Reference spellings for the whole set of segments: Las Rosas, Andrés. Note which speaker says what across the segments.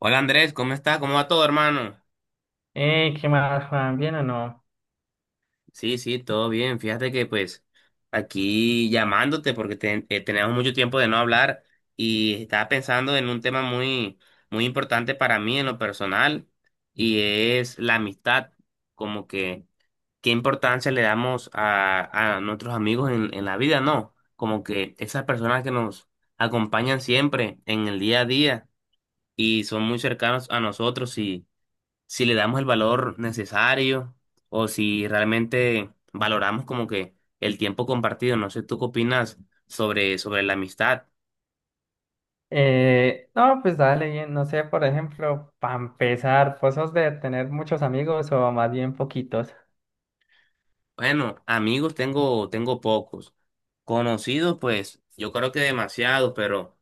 Speaker 1: Hola Andrés, ¿cómo está? ¿Cómo va todo, hermano?
Speaker 2: ¿Qué más, Juan? ¿Bien o no?
Speaker 1: Sí, sí, todo bien. Fíjate que pues aquí llamándote porque tenemos mucho tiempo de no hablar y estaba pensando en un tema muy importante para mí en lo personal y es la amistad. Como que qué importancia le damos a nuestros amigos en la vida, ¿no? Como que esas personas que nos acompañan siempre en el día a día y son muy cercanos a nosotros si le damos el valor necesario o si realmente valoramos como que el tiempo compartido. No sé, ¿tú qué opinas sobre la amistad?
Speaker 2: No, pues dale, bien. No sé, por ejemplo, para empezar, ¿vos sos de tener muchos amigos o más bien poquitos?
Speaker 1: Bueno, amigos tengo pocos. Conocidos, pues, yo creo que demasiados, pero,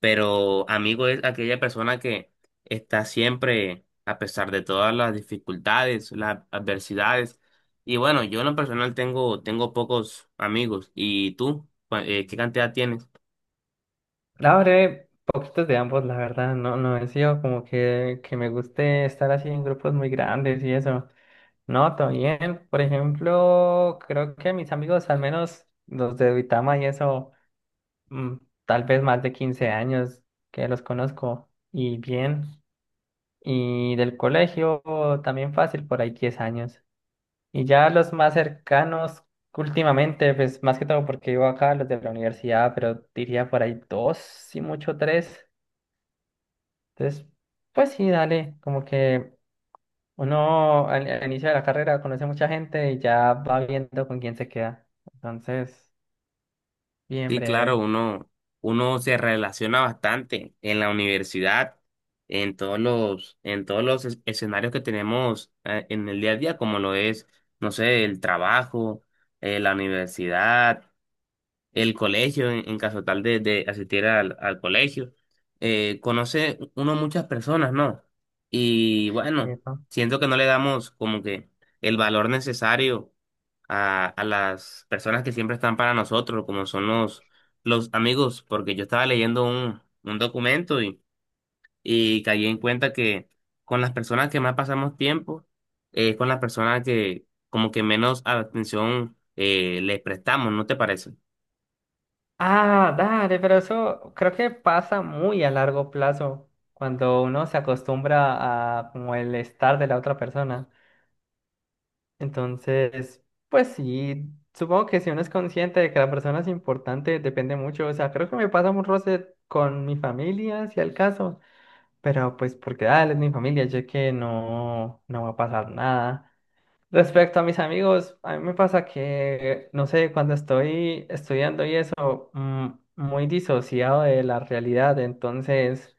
Speaker 1: pero amigo es aquella persona que está siempre, a pesar de todas las dificultades, las adversidades. Y bueno, yo en lo personal tengo pocos amigos. ¿Y tú? ¿Qué cantidad tienes?
Speaker 2: La verdad, poquitos de ambos, la verdad. No, no he sido como que me guste estar así en grupos muy grandes y eso. No, todo bien. Por ejemplo, creo que mis amigos, al menos los de Duitama y eso, mm, tal vez más de 15 años que los conozco. Y bien. Y del colegio también fácil, por ahí 10 años. Y ya los más cercanos últimamente, pues más que todo porque vivo acá, los de la universidad, pero diría por ahí dos, si mucho tres. Entonces, pues sí, dale, como que uno al inicio de la carrera conoce mucha gente y ya va viendo con quién se queda. Entonces, bien
Speaker 1: Sí, claro,
Speaker 2: breve.
Speaker 1: uno se relaciona bastante en la universidad, en todos los escenarios que tenemos, en el día a día, como lo es, no sé, el trabajo, la universidad, el colegio, en caso tal de asistir al colegio. Conoce uno muchas personas, ¿no? Y bueno,
Speaker 2: Eso.
Speaker 1: siento que no le damos como que el valor necesario a las personas que siempre están para nosotros, como son los amigos, porque yo estaba leyendo un documento y caí en cuenta que con las personas que más pasamos tiempo, es con las personas que como que menos atención les prestamos, ¿no te parece?
Speaker 2: Ah, dale, pero eso creo que pasa muy a largo plazo cuando uno se acostumbra a como el estar de la otra persona. Entonces, pues sí, supongo que si uno es consciente de que la persona es importante, depende mucho. O sea, creo que me pasa un roce con mi familia, si al caso, pero pues porque dale, es mi familia, yo que no, no va a pasar nada. Respecto a mis amigos, a mí me pasa que, no sé, cuando estoy estudiando y eso, muy disociado de la realidad, entonces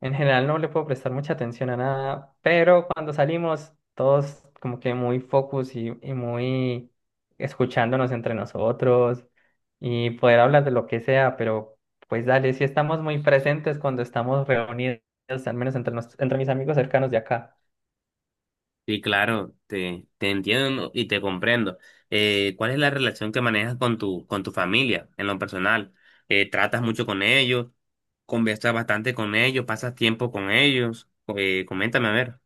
Speaker 2: en general no le puedo prestar mucha atención a nada, pero cuando salimos, todos como que muy focus y muy escuchándonos entre nosotros y poder hablar de lo que sea, pero pues dale, si estamos muy presentes cuando estamos reunidos, al menos entre mis amigos cercanos de acá.
Speaker 1: Sí, claro, te entiendo, ¿no? Y te comprendo. ¿Cuál es la relación que manejas con tu familia en lo personal? ¿Tratas mucho con ellos? ¿Conversas bastante con ellos? ¿Pasas tiempo con ellos? Coméntame a ver.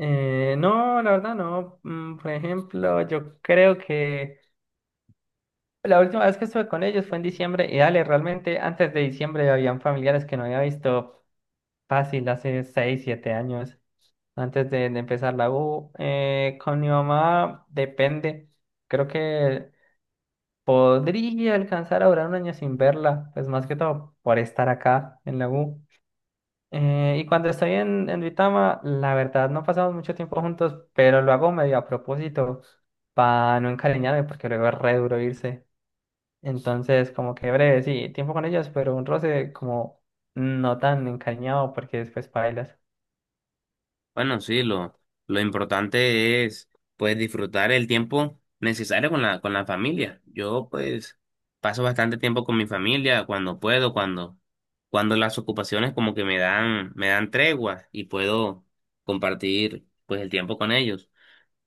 Speaker 2: No, la verdad no. Por ejemplo, yo creo que la última vez que estuve con ellos fue en diciembre y dale, realmente antes de diciembre habían familiares que no había visto fácil hace 6 7 años, antes de empezar la U. Con mi mamá depende. Creo que podría alcanzar a durar un año sin verla, pues más que todo por estar acá en la U. Y cuando estoy en, Duitama, la verdad no pasamos mucho tiempo juntos, pero lo hago medio a propósito para no encariñarme porque luego es re duro irse. Entonces, como que breve, sí, tiempo con ellas, pero un roce como no tan encariñado porque después bailas.
Speaker 1: Bueno, sí, lo importante es pues disfrutar el tiempo necesario con la familia. Yo pues paso bastante tiempo con mi familia cuando puedo, cuando las ocupaciones como que me dan tregua y puedo compartir pues el tiempo con ellos.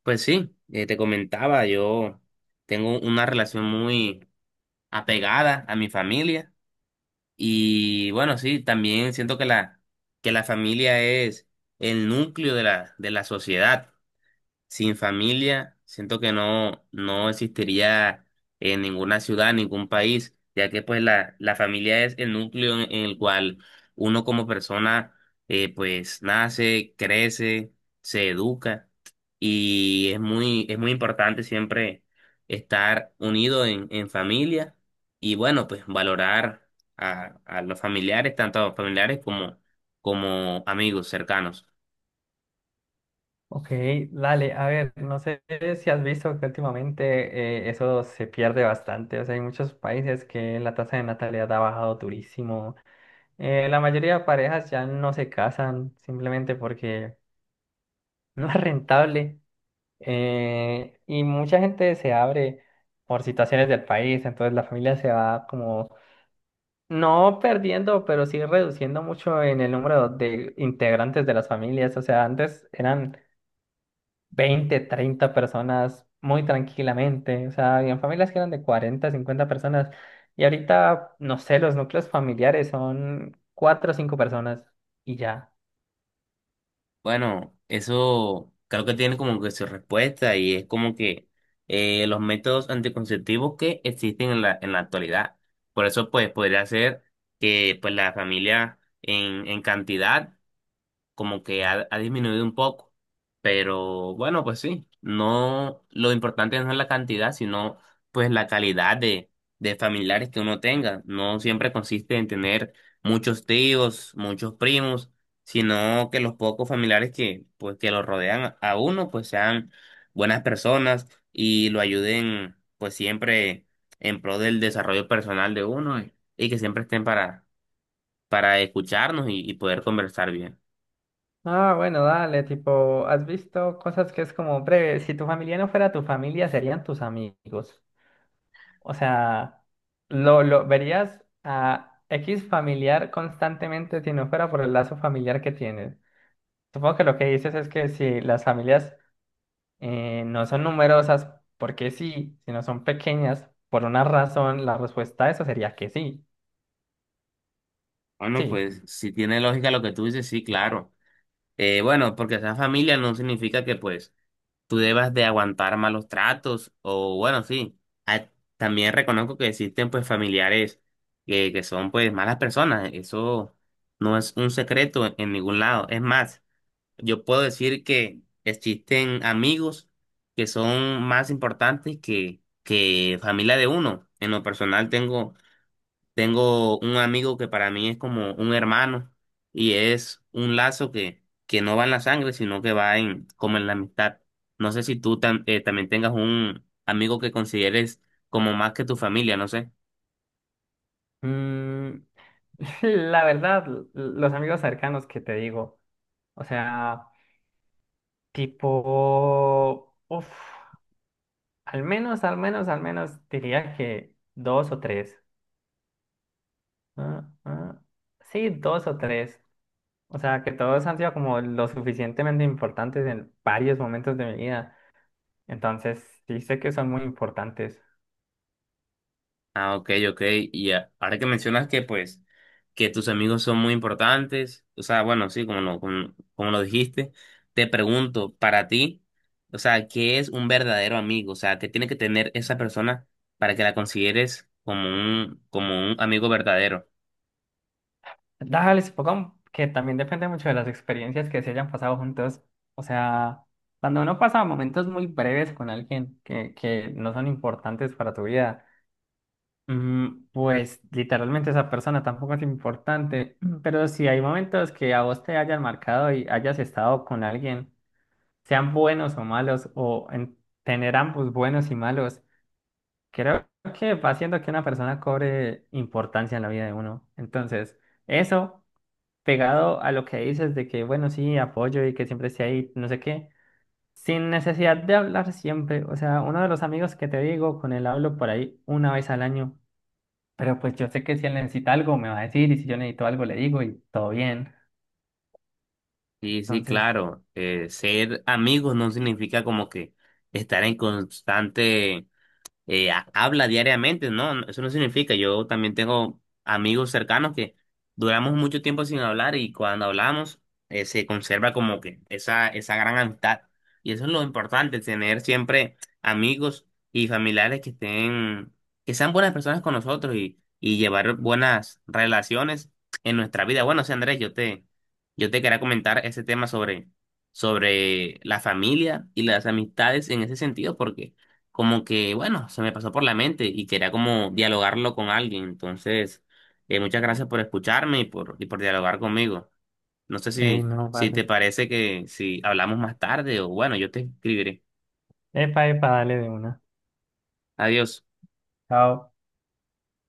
Speaker 1: Pues sí, te comentaba, yo tengo una relación muy apegada a mi familia y bueno, sí, también siento que la familia es el núcleo de la sociedad. Sin familia, siento que no existiría en ninguna ciudad, ningún país, ya que pues la familia es el núcleo en el cual uno como persona, pues nace, crece, se educa y es muy importante siempre estar unido en familia y bueno, pues valorar a los familiares, tanto a los familiares como, como amigos cercanos.
Speaker 2: Ok, dale, a ver, no sé si has visto que últimamente eso se pierde bastante. O sea, hay muchos países que la tasa de natalidad ha bajado durísimo. La mayoría de parejas ya no se casan simplemente porque no es rentable. Y mucha gente se abre por situaciones del país, entonces la familia se va como, no perdiendo, pero sí reduciendo mucho en el número de integrantes de las familias. O sea, antes eran 20 30 personas muy tranquilamente. O sea, habían familias que eran de 40 50 personas. Y ahorita, no sé, los núcleos familiares son 4 o 5 personas y ya.
Speaker 1: Bueno, eso creo que tiene como que su respuesta y es como que los métodos anticonceptivos que existen en la actualidad. Por eso, pues, podría ser que pues la familia en cantidad como que ha disminuido un poco. Pero bueno, pues sí, no, lo importante no es la cantidad, sino pues la calidad de familiares que uno tenga. No siempre consiste en tener muchos tíos, muchos primos, sino que los pocos familiares que, pues, que lo rodean a uno, pues sean buenas personas y lo ayuden, pues siempre en pro del desarrollo personal de uno y que siempre estén para escucharnos y poder conversar bien.
Speaker 2: Ah, bueno, dale, tipo, has visto cosas que es como, breve, si tu familia no fuera tu familia, serían tus amigos. O sea, lo verías a X familiar constantemente si no fuera por el lazo familiar que tienes. Supongo que lo que dices es que si las familias no son numerosas, porque sí, si no son pequeñas, por una razón, la respuesta a eso sería que sí.
Speaker 1: Bueno,
Speaker 2: Sí.
Speaker 1: pues si tiene lógica lo que tú dices, sí, claro. Bueno, porque sea familia no significa que pues tú debas de aguantar malos tratos o bueno, sí. Ah, también reconozco que existen pues familiares que son pues malas personas. Eso no es un secreto en ningún lado. Es más, yo puedo decir que existen amigos que son más importantes que familia de uno. En lo personal tengo un amigo que para mí es como un hermano y es un lazo que no va en la sangre, sino que va en, como en la amistad. No sé si también tengas un amigo que consideres como más que tu familia, no sé.
Speaker 2: Mm, la verdad, los amigos cercanos que te digo, o sea... Tipo, uff, al menos, al menos, al menos diría que dos o tres. Ah, ah, sí, dos o tres. O sea, que todos han sido como lo suficientemente importantes en varios momentos de mi vida. Entonces, sí sé que son muy importantes.
Speaker 1: Ah, ok, ok. Y ahora que mencionas que, pues, que tus amigos son muy importantes, o sea, bueno, sí, como lo, como, como lo dijiste, te pregunto, para ti, o sea, ¿qué es un verdadero amigo? O sea, ¿qué tiene que tener esa persona para que la consideres como un amigo verdadero?
Speaker 2: Dale, supongo que también depende mucho de las experiencias que se hayan pasado juntos. O sea, cuando uno pasa momentos muy breves con alguien que no son importantes para tu vida. Pues literalmente esa persona tampoco es importante, pero si hay momentos que a vos te hayan marcado y hayas estado con alguien, sean buenos o malos, o en tener ambos buenos y malos, creo que va haciendo que una persona cobre importancia en la vida de uno. Entonces, eso pegado a lo que dices de que, bueno, sí, apoyo y que siempre esté ahí, no sé qué, sin necesidad de hablar siempre. O sea, uno de los amigos que te digo, con él hablo por ahí una vez al año. Pero pues yo sé que si él necesita algo, me va a decir, y si yo necesito algo, le digo, y todo bien.
Speaker 1: Sí, sí,
Speaker 2: Entonces,
Speaker 1: claro. Ser amigos no significa como que estar en constante habla diariamente, ¿no? No, eso no significa, yo también tengo amigos cercanos que duramos mucho tiempo sin hablar, y cuando hablamos, se conserva como que esa gran amistad. Y eso es lo importante, tener siempre amigos y familiares que estén, que sean buenas personas con nosotros y llevar buenas relaciones en nuestra vida. Bueno, sí, Andrés, yo te quería comentar ese tema sobre la familia y las amistades en ese sentido, porque como que, bueno, se me pasó por la mente y quería como dialogarlo con alguien. Entonces, muchas gracias por escucharme y por dialogar conmigo. No sé
Speaker 2: ey,
Speaker 1: si,
Speaker 2: no,
Speaker 1: si
Speaker 2: vale.
Speaker 1: te parece que si hablamos más tarde o bueno, yo te escribiré.
Speaker 2: Epa, epa, dale de una.
Speaker 1: Adiós.
Speaker 2: Chao.